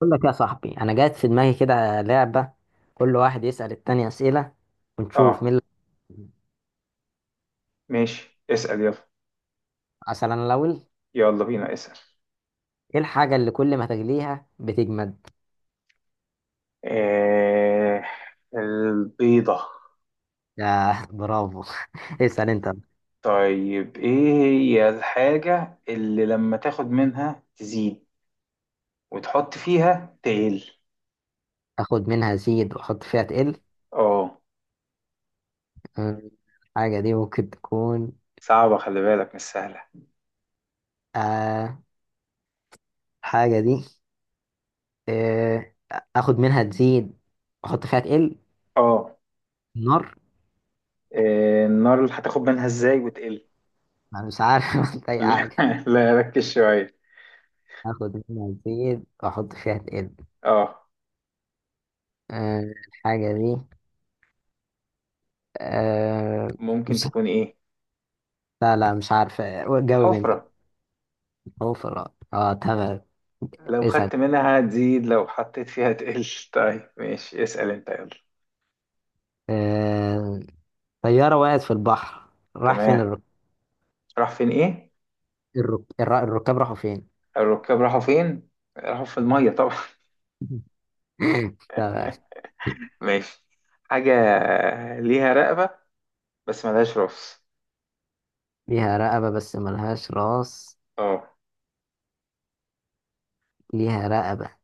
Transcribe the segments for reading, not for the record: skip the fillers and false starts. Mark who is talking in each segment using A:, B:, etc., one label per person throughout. A: بقول لك يا صاحبي، انا جات في دماغي كده لعبه. كل واحد يسال التاني اسئله ونشوف مين
B: اه،
A: اللي،
B: ماشي، اسأل يلا.
A: مثلا الاول،
B: يلا بينا، اسأل.
A: ايه الحاجه اللي كل ما تغليها بتجمد؟
B: آه، البيضة.
A: يا برافو! اسال انت.
B: طيب، ايه هي الحاجة اللي لما تاخد منها تزيد وتحط فيها تقل؟
A: اخد منها زيد واحط فيها تقل.
B: اه،
A: أمم، الحاجه دي ممكن تكون...
B: صعبة، خلي بالك مش سهلة.
A: آه الحاجه دي آه اخد منها تزيد واحط فيها تقل.
B: اه.
A: نار.
B: النار اللي هتاخد منها ازاي وتقل؟
A: انا مش عارف أحط اي
B: لا،
A: حاجه.
B: لا، ركز شوية.
A: اخد منها تزيد واحط فيها تقل.
B: اه.
A: آه الحاجه دي أه
B: ممكن
A: مش
B: تكون ايه؟
A: لا، لا، مش عارف. جاوب انت.
B: الحفرة.
A: هو في الرأي، اه، تمام.
B: لو
A: اسأل.
B: خدت منها هتزيد، لو حطيت فيها تقل. طيب، ماشي، اسأل انت يلا.
A: أه طيارة وقعت في البحر، راح فين
B: تمام. راح فين ايه؟
A: الركاب راحوا فين؟
B: الركاب راحوا فين؟ راحوا في الميه طبعا.
A: تمام.
B: ماشي. حاجه ليها رقبه بس ملهاش راس.
A: ليها رقبة بس ملهاش راس،
B: اه.
A: ليها رقبة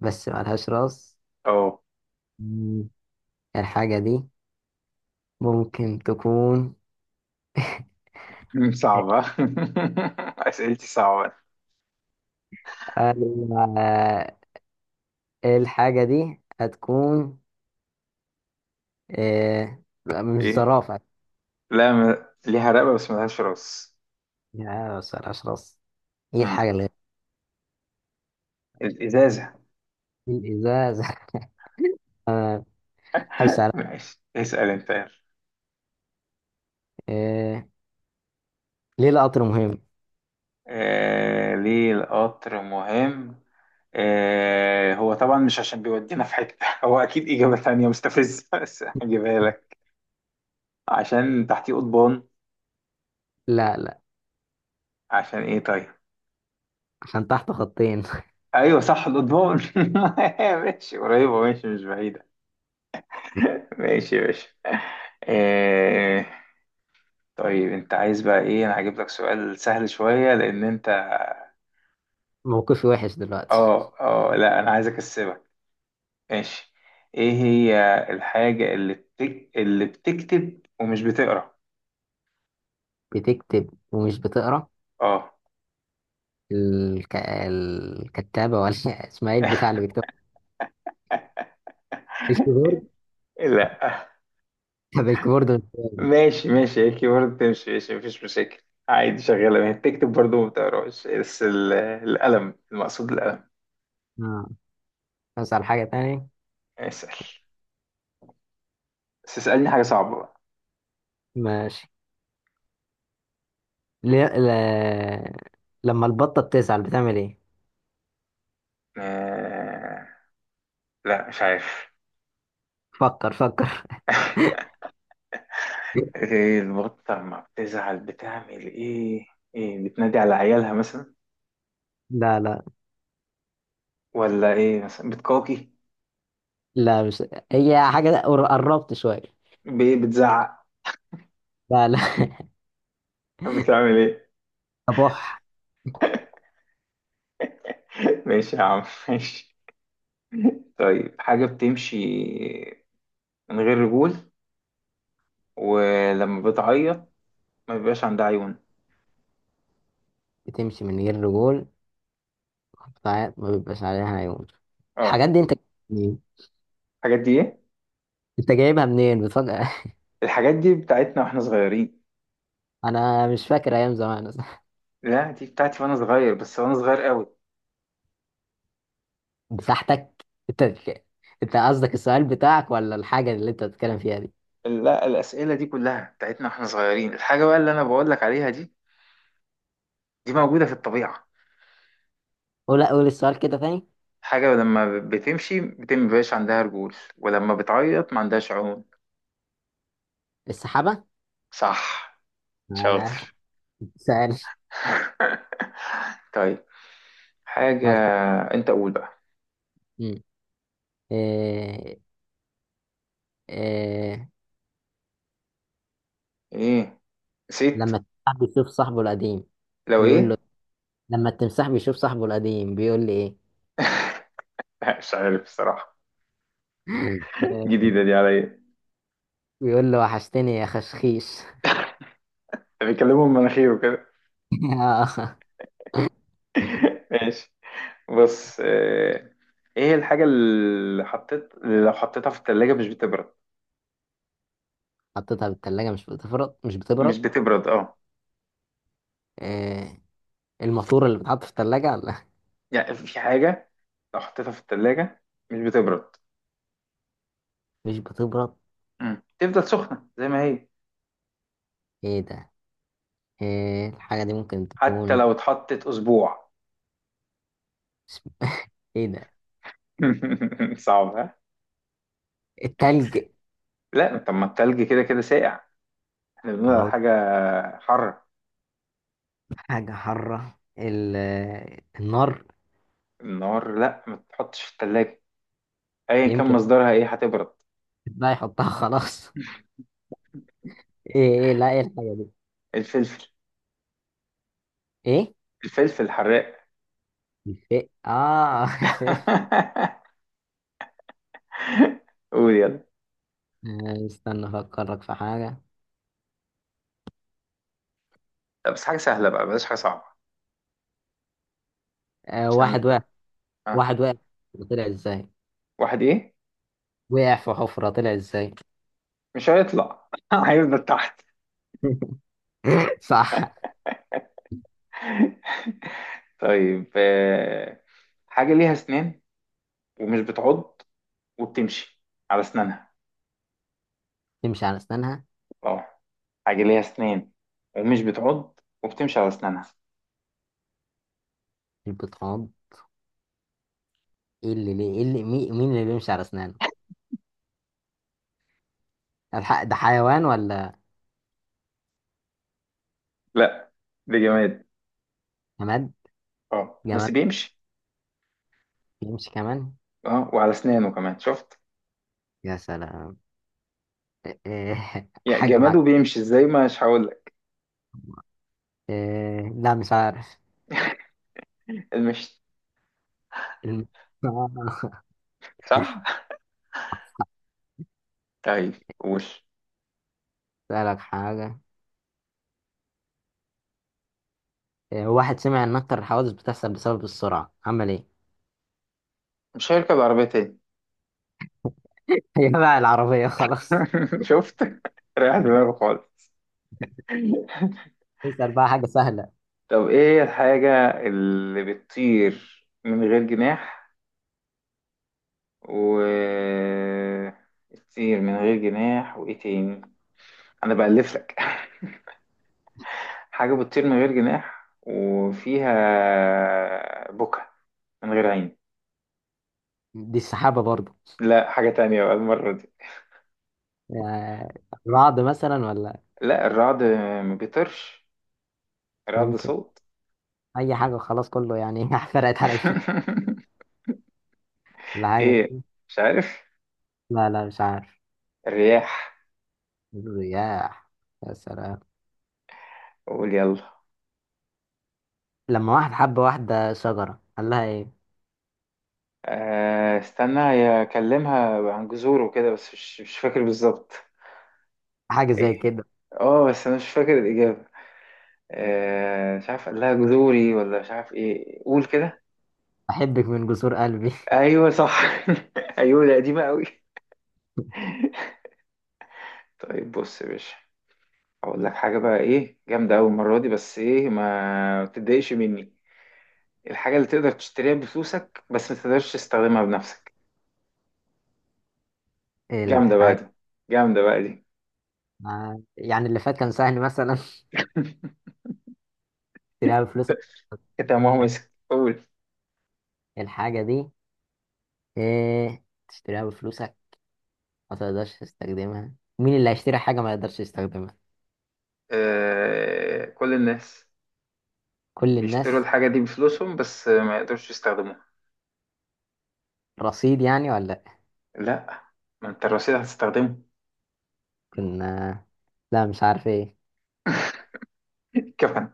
A: بس ملهاش راس.
B: اه.
A: مم. الحاجة دي ممكن تكون...
B: صعبه. اسئلتي صعبه.
A: آه، الحاجة دي هتكون... مش
B: ايه؟
A: زرافة؟
B: لا، ليها رقبه بس ملهاش راس.
A: يا، بس ملهاش راس. ايه
B: مم.
A: الحاجة اللي...
B: الازازه.
A: الازاز! حبس على...
B: ماشي، اسال انت يلا.
A: إيه؟ ليه القطر مهم؟
B: ليه القطر مهم؟ هو طبعا مش عشان بيودينا في حته. هو اكيد اجابه تانية مستفزه بس هجيبها لك. عشان تحتيه قضبان.
A: لا، لا،
B: عشان ايه طيب؟
A: عشان تحت خطين.
B: ايوه صح الاضمون. ماشي، قريبه، ماشي، مش بعيده. ماشي يا باشا. آه، طيب انت عايز بقى ايه؟ انا هجيب لك سؤال سهل شويه لان انت...
A: موقفي وحش دلوقتي.
B: اه، اه، لا، انا عايز اكسبك. ماشي. ايه هي الحاجه اللي اللي بتكتب ومش بتقرا؟
A: بتكتب ومش بتقرا؟
B: اه.
A: الكتابة ولا اسمها ايه البتاع اللي بيكتب؟ الكيبورد؟
B: لا.
A: طب الكيبورد.
B: ماشي ماشي، هيك برضه تمشي، ماشي، مفيش مشاكل. عادي شغاله، ما هي بتكتب برضه ما بتقراش، بس القلم، المقصود القلم.
A: اه، اسأل حاجة تانية.
B: اسأل. بس اسألني حاجة صعبة بقى.
A: ماشي. ليه لما البطة بتزعل بتعمل ايه؟
B: آه... لا، مش عارف.
A: فكر فكر!
B: ايه البط لما بتزعل بتعمل ايه؟ ايه بتنادي على عيالها مثلا؟
A: لا، لا،
B: ولا ايه مثلا بتقاقي؟
A: لا. مش هي حاجة قربت شوية.
B: بايه بتزعق؟
A: لا، لا.
B: بتعمل ايه؟
A: بح.
B: ماشي يا عم. ماشي. طيب، حاجة بتمشي من غير رجول، ولما بتعيط ما بيبقاش عندها عيون.
A: بتمشي من غير رجول، ساعات ما بيبقاش عليها عيون.
B: اه.
A: الحاجات دي انت منين؟
B: الحاجات دي ايه؟
A: انت جايبها منين بتفكر؟
B: الحاجات دي بتاعتنا واحنا صغيرين.
A: انا مش فاكر ايام زمان.
B: لا، دي بتاعتي وانا صغير، بس وانا صغير قوي.
A: بتاعتك انت؟ انت قصدك السؤال بتاعك ولا الحاجه اللي انت بتتكلم فيها دي؟
B: لا، الأسئلة دي كلها بتاعتنا واحنا صغيرين. الحاجة بقى اللي أنا بقول لك عليها دي، دي موجودة في الطبيعة.
A: قول، قول السؤال كده تاني.
B: حاجة لما بتمشي بتم مبيبقاش عندها رجول، ولما بتعيط ما عندهاش عيون.
A: السحابه.
B: صح.
A: آه،
B: شاطر.
A: سؤال.
B: طيب، حاجة...
A: ماشي.
B: أنت قول بقى.
A: مم. إيه؟ إيه؟
B: إيه؟ نسيت.
A: لما التمساح بيشوف صاحبه القديم
B: لو
A: بيقول
B: إيه؟
A: له؟ لما التمساح بيشوف صاحبه القديم بيقول لي ايه؟
B: مش عارف الصراحة.
A: آه،
B: جديدة دي عليا.
A: بيقول له وحشتني يا خشخيش.
B: بيكلموا من مناخيره كده. ماشي. بص، إيه الحاجة اللي حطيت اللي لو حطيتها في التلاجة مش بتبرد؟
A: حطيتها في التلاجة مش بتبرد، مش
B: مش
A: بتبرد.
B: بتبرد، اه.
A: آه الماسورة اللي بتحط في التلاجة؟ لا.
B: يعني في حاجة لو حطيتها في التلاجة مش بتبرد.
A: مش بتبرد.
B: مم. تفضل سخنة زي ما هي.
A: ايه ده؟ الحاجة دي ممكن
B: حتى
A: تكون...
B: لو اتحطت أسبوع.
A: اسم- ايه ده؟
B: صعب، ها؟
A: التلج؟
B: لا، طب ما التلج كده كده ساقع. احنا بنقول على
A: لو
B: حاجة حرة.
A: حاجة حارة النار.
B: النار؟ لا، ما تتحطش في التلاجة أيا كان
A: يمكن.
B: مصدرها، ايه هتبرد.
A: بقى يحطها خلاص. ايه؟ ايه؟ لا، ايه الحاجة دي؟
B: الفلفل.
A: ايه؟
B: الفلفل الحراق.
A: الفئ، اه! شفت.
B: قول يلا.
A: استنى افكرك في حاجة.
B: لا، بس حاجة سهلة بقى، بلاش حاجة صعبة،
A: آه
B: عشان
A: واحد
B: انت.
A: وقع
B: اه.
A: واحد وقع طلع ازاي؟
B: واحد ايه؟
A: وقع في حفرة طلع ازاي؟
B: مش هيطلع، هيفضل تحت.
A: صح.
B: طيب، حاجة ليها أسنان ومش بتعض وبتمشي على أسنانها.
A: تمشي على اسنانها؟
B: اه. حاجة ليها أسنان ومش بتعض وبتمشي على أسنانها.
A: يبقى طعام. مين اللي بيمشي على اسنانه؟ الحق ده حيوان ولا؟
B: لا، ده جماد.
A: جماد؟
B: اه بس
A: جماد
B: بيمشي.
A: بيمشي كمان؟
B: اه، وعلى أسنانه كمان، شفت.
A: يا سلام! إيه؟ إيه؟
B: يا
A: حاجة
B: جماد
A: بعد.
B: وبيمشي ازاي؟ مش هقول لك.
A: إيه؟ لا، مش عارف.
B: المشي.
A: الم-
B: صح. طيب قول.
A: اسألك حاجة. إيه، واحد سمع ان اكتر الحوادث بتحصل بسبب السرعة عمل ايه؟
B: مش هيركب عربية تاني.
A: هي بقى العربية خلاص.
B: شفت. ريح دماغه خالص.
A: اسأل بقى حاجة سهلة.
B: طب ايه هي الحاجة اللي بتطير من غير جناح؟ و... الطير من غير جناح وايه تاني، انا بألف لك. حاجة بتطير من غير جناح وفيها بكا من غير عين.
A: دي السحابة برضه.
B: لا، حاجة تانية بقى المرة دي.
A: إيه، رعد مثلا ولا؟
B: لا، الرعد ما بيطيرش، الرعد
A: يمكن.
B: صوت.
A: اي حاجة خلاص، كله يعني فرقت على دي. ولا حاجة.
B: ايه؟ مش عارف.
A: لا، لا، مش عارف.
B: الرياح.
A: الرياح. يا سلام!
B: قول يلا.
A: لما واحد حب واحدة شجرة قال لها ايه؟
B: استنى هي اكلمها عن جذوره كده، بس مش فاكر بالظبط.
A: حاجة زي
B: ايه؟
A: كده.
B: اه بس انا مش فاكر الإجابة. مش عارف، قال لها جذوري ولا مش عارف ايه، قول كده.
A: أحبك من جسور قلبي.
B: ايوه صح. ايوه ده قديمه قوي. طيب، بص يا باشا، هقول لك حاجه بقى ايه جامده أوي المره دي، بس ايه ما تتضايقش مني. الحاجه اللي تقدر تشتريها بفلوسك بس ما تقدرش تستخدمها بنفسك. جامده بقى
A: الحاجة...
B: دي. جامده بقى دي.
A: يعني اللي فات كان سهل مثلا؟ تشتريها بفلوسك.
B: كده ما هو مسك، قول.
A: الحاجة دي... ايه؟ تشتريها بفلوسك ما تقدرش تستخدمها؟ مين اللي هيشتري حاجة ما يقدرش يستخدمها؟
B: آه، كل الناس
A: كل
B: بيشتروا
A: الناس؟
B: الحاجه دي بفلوسهم بس ما يقدرش يستخدموها.
A: رصيد يعني ولا لأ؟
B: لا. ما انت الرصيد هتستخدمه.
A: كنا لا، مش عارف ايه.
B: كفن.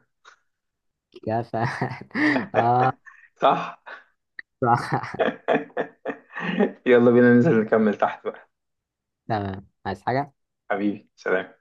A: كفى. اه.
B: صح.
A: صح.
B: يلا بينا ننزل نكمل تحت بقى.
A: تمام، عايز حاجة؟
B: حبيبي سلام.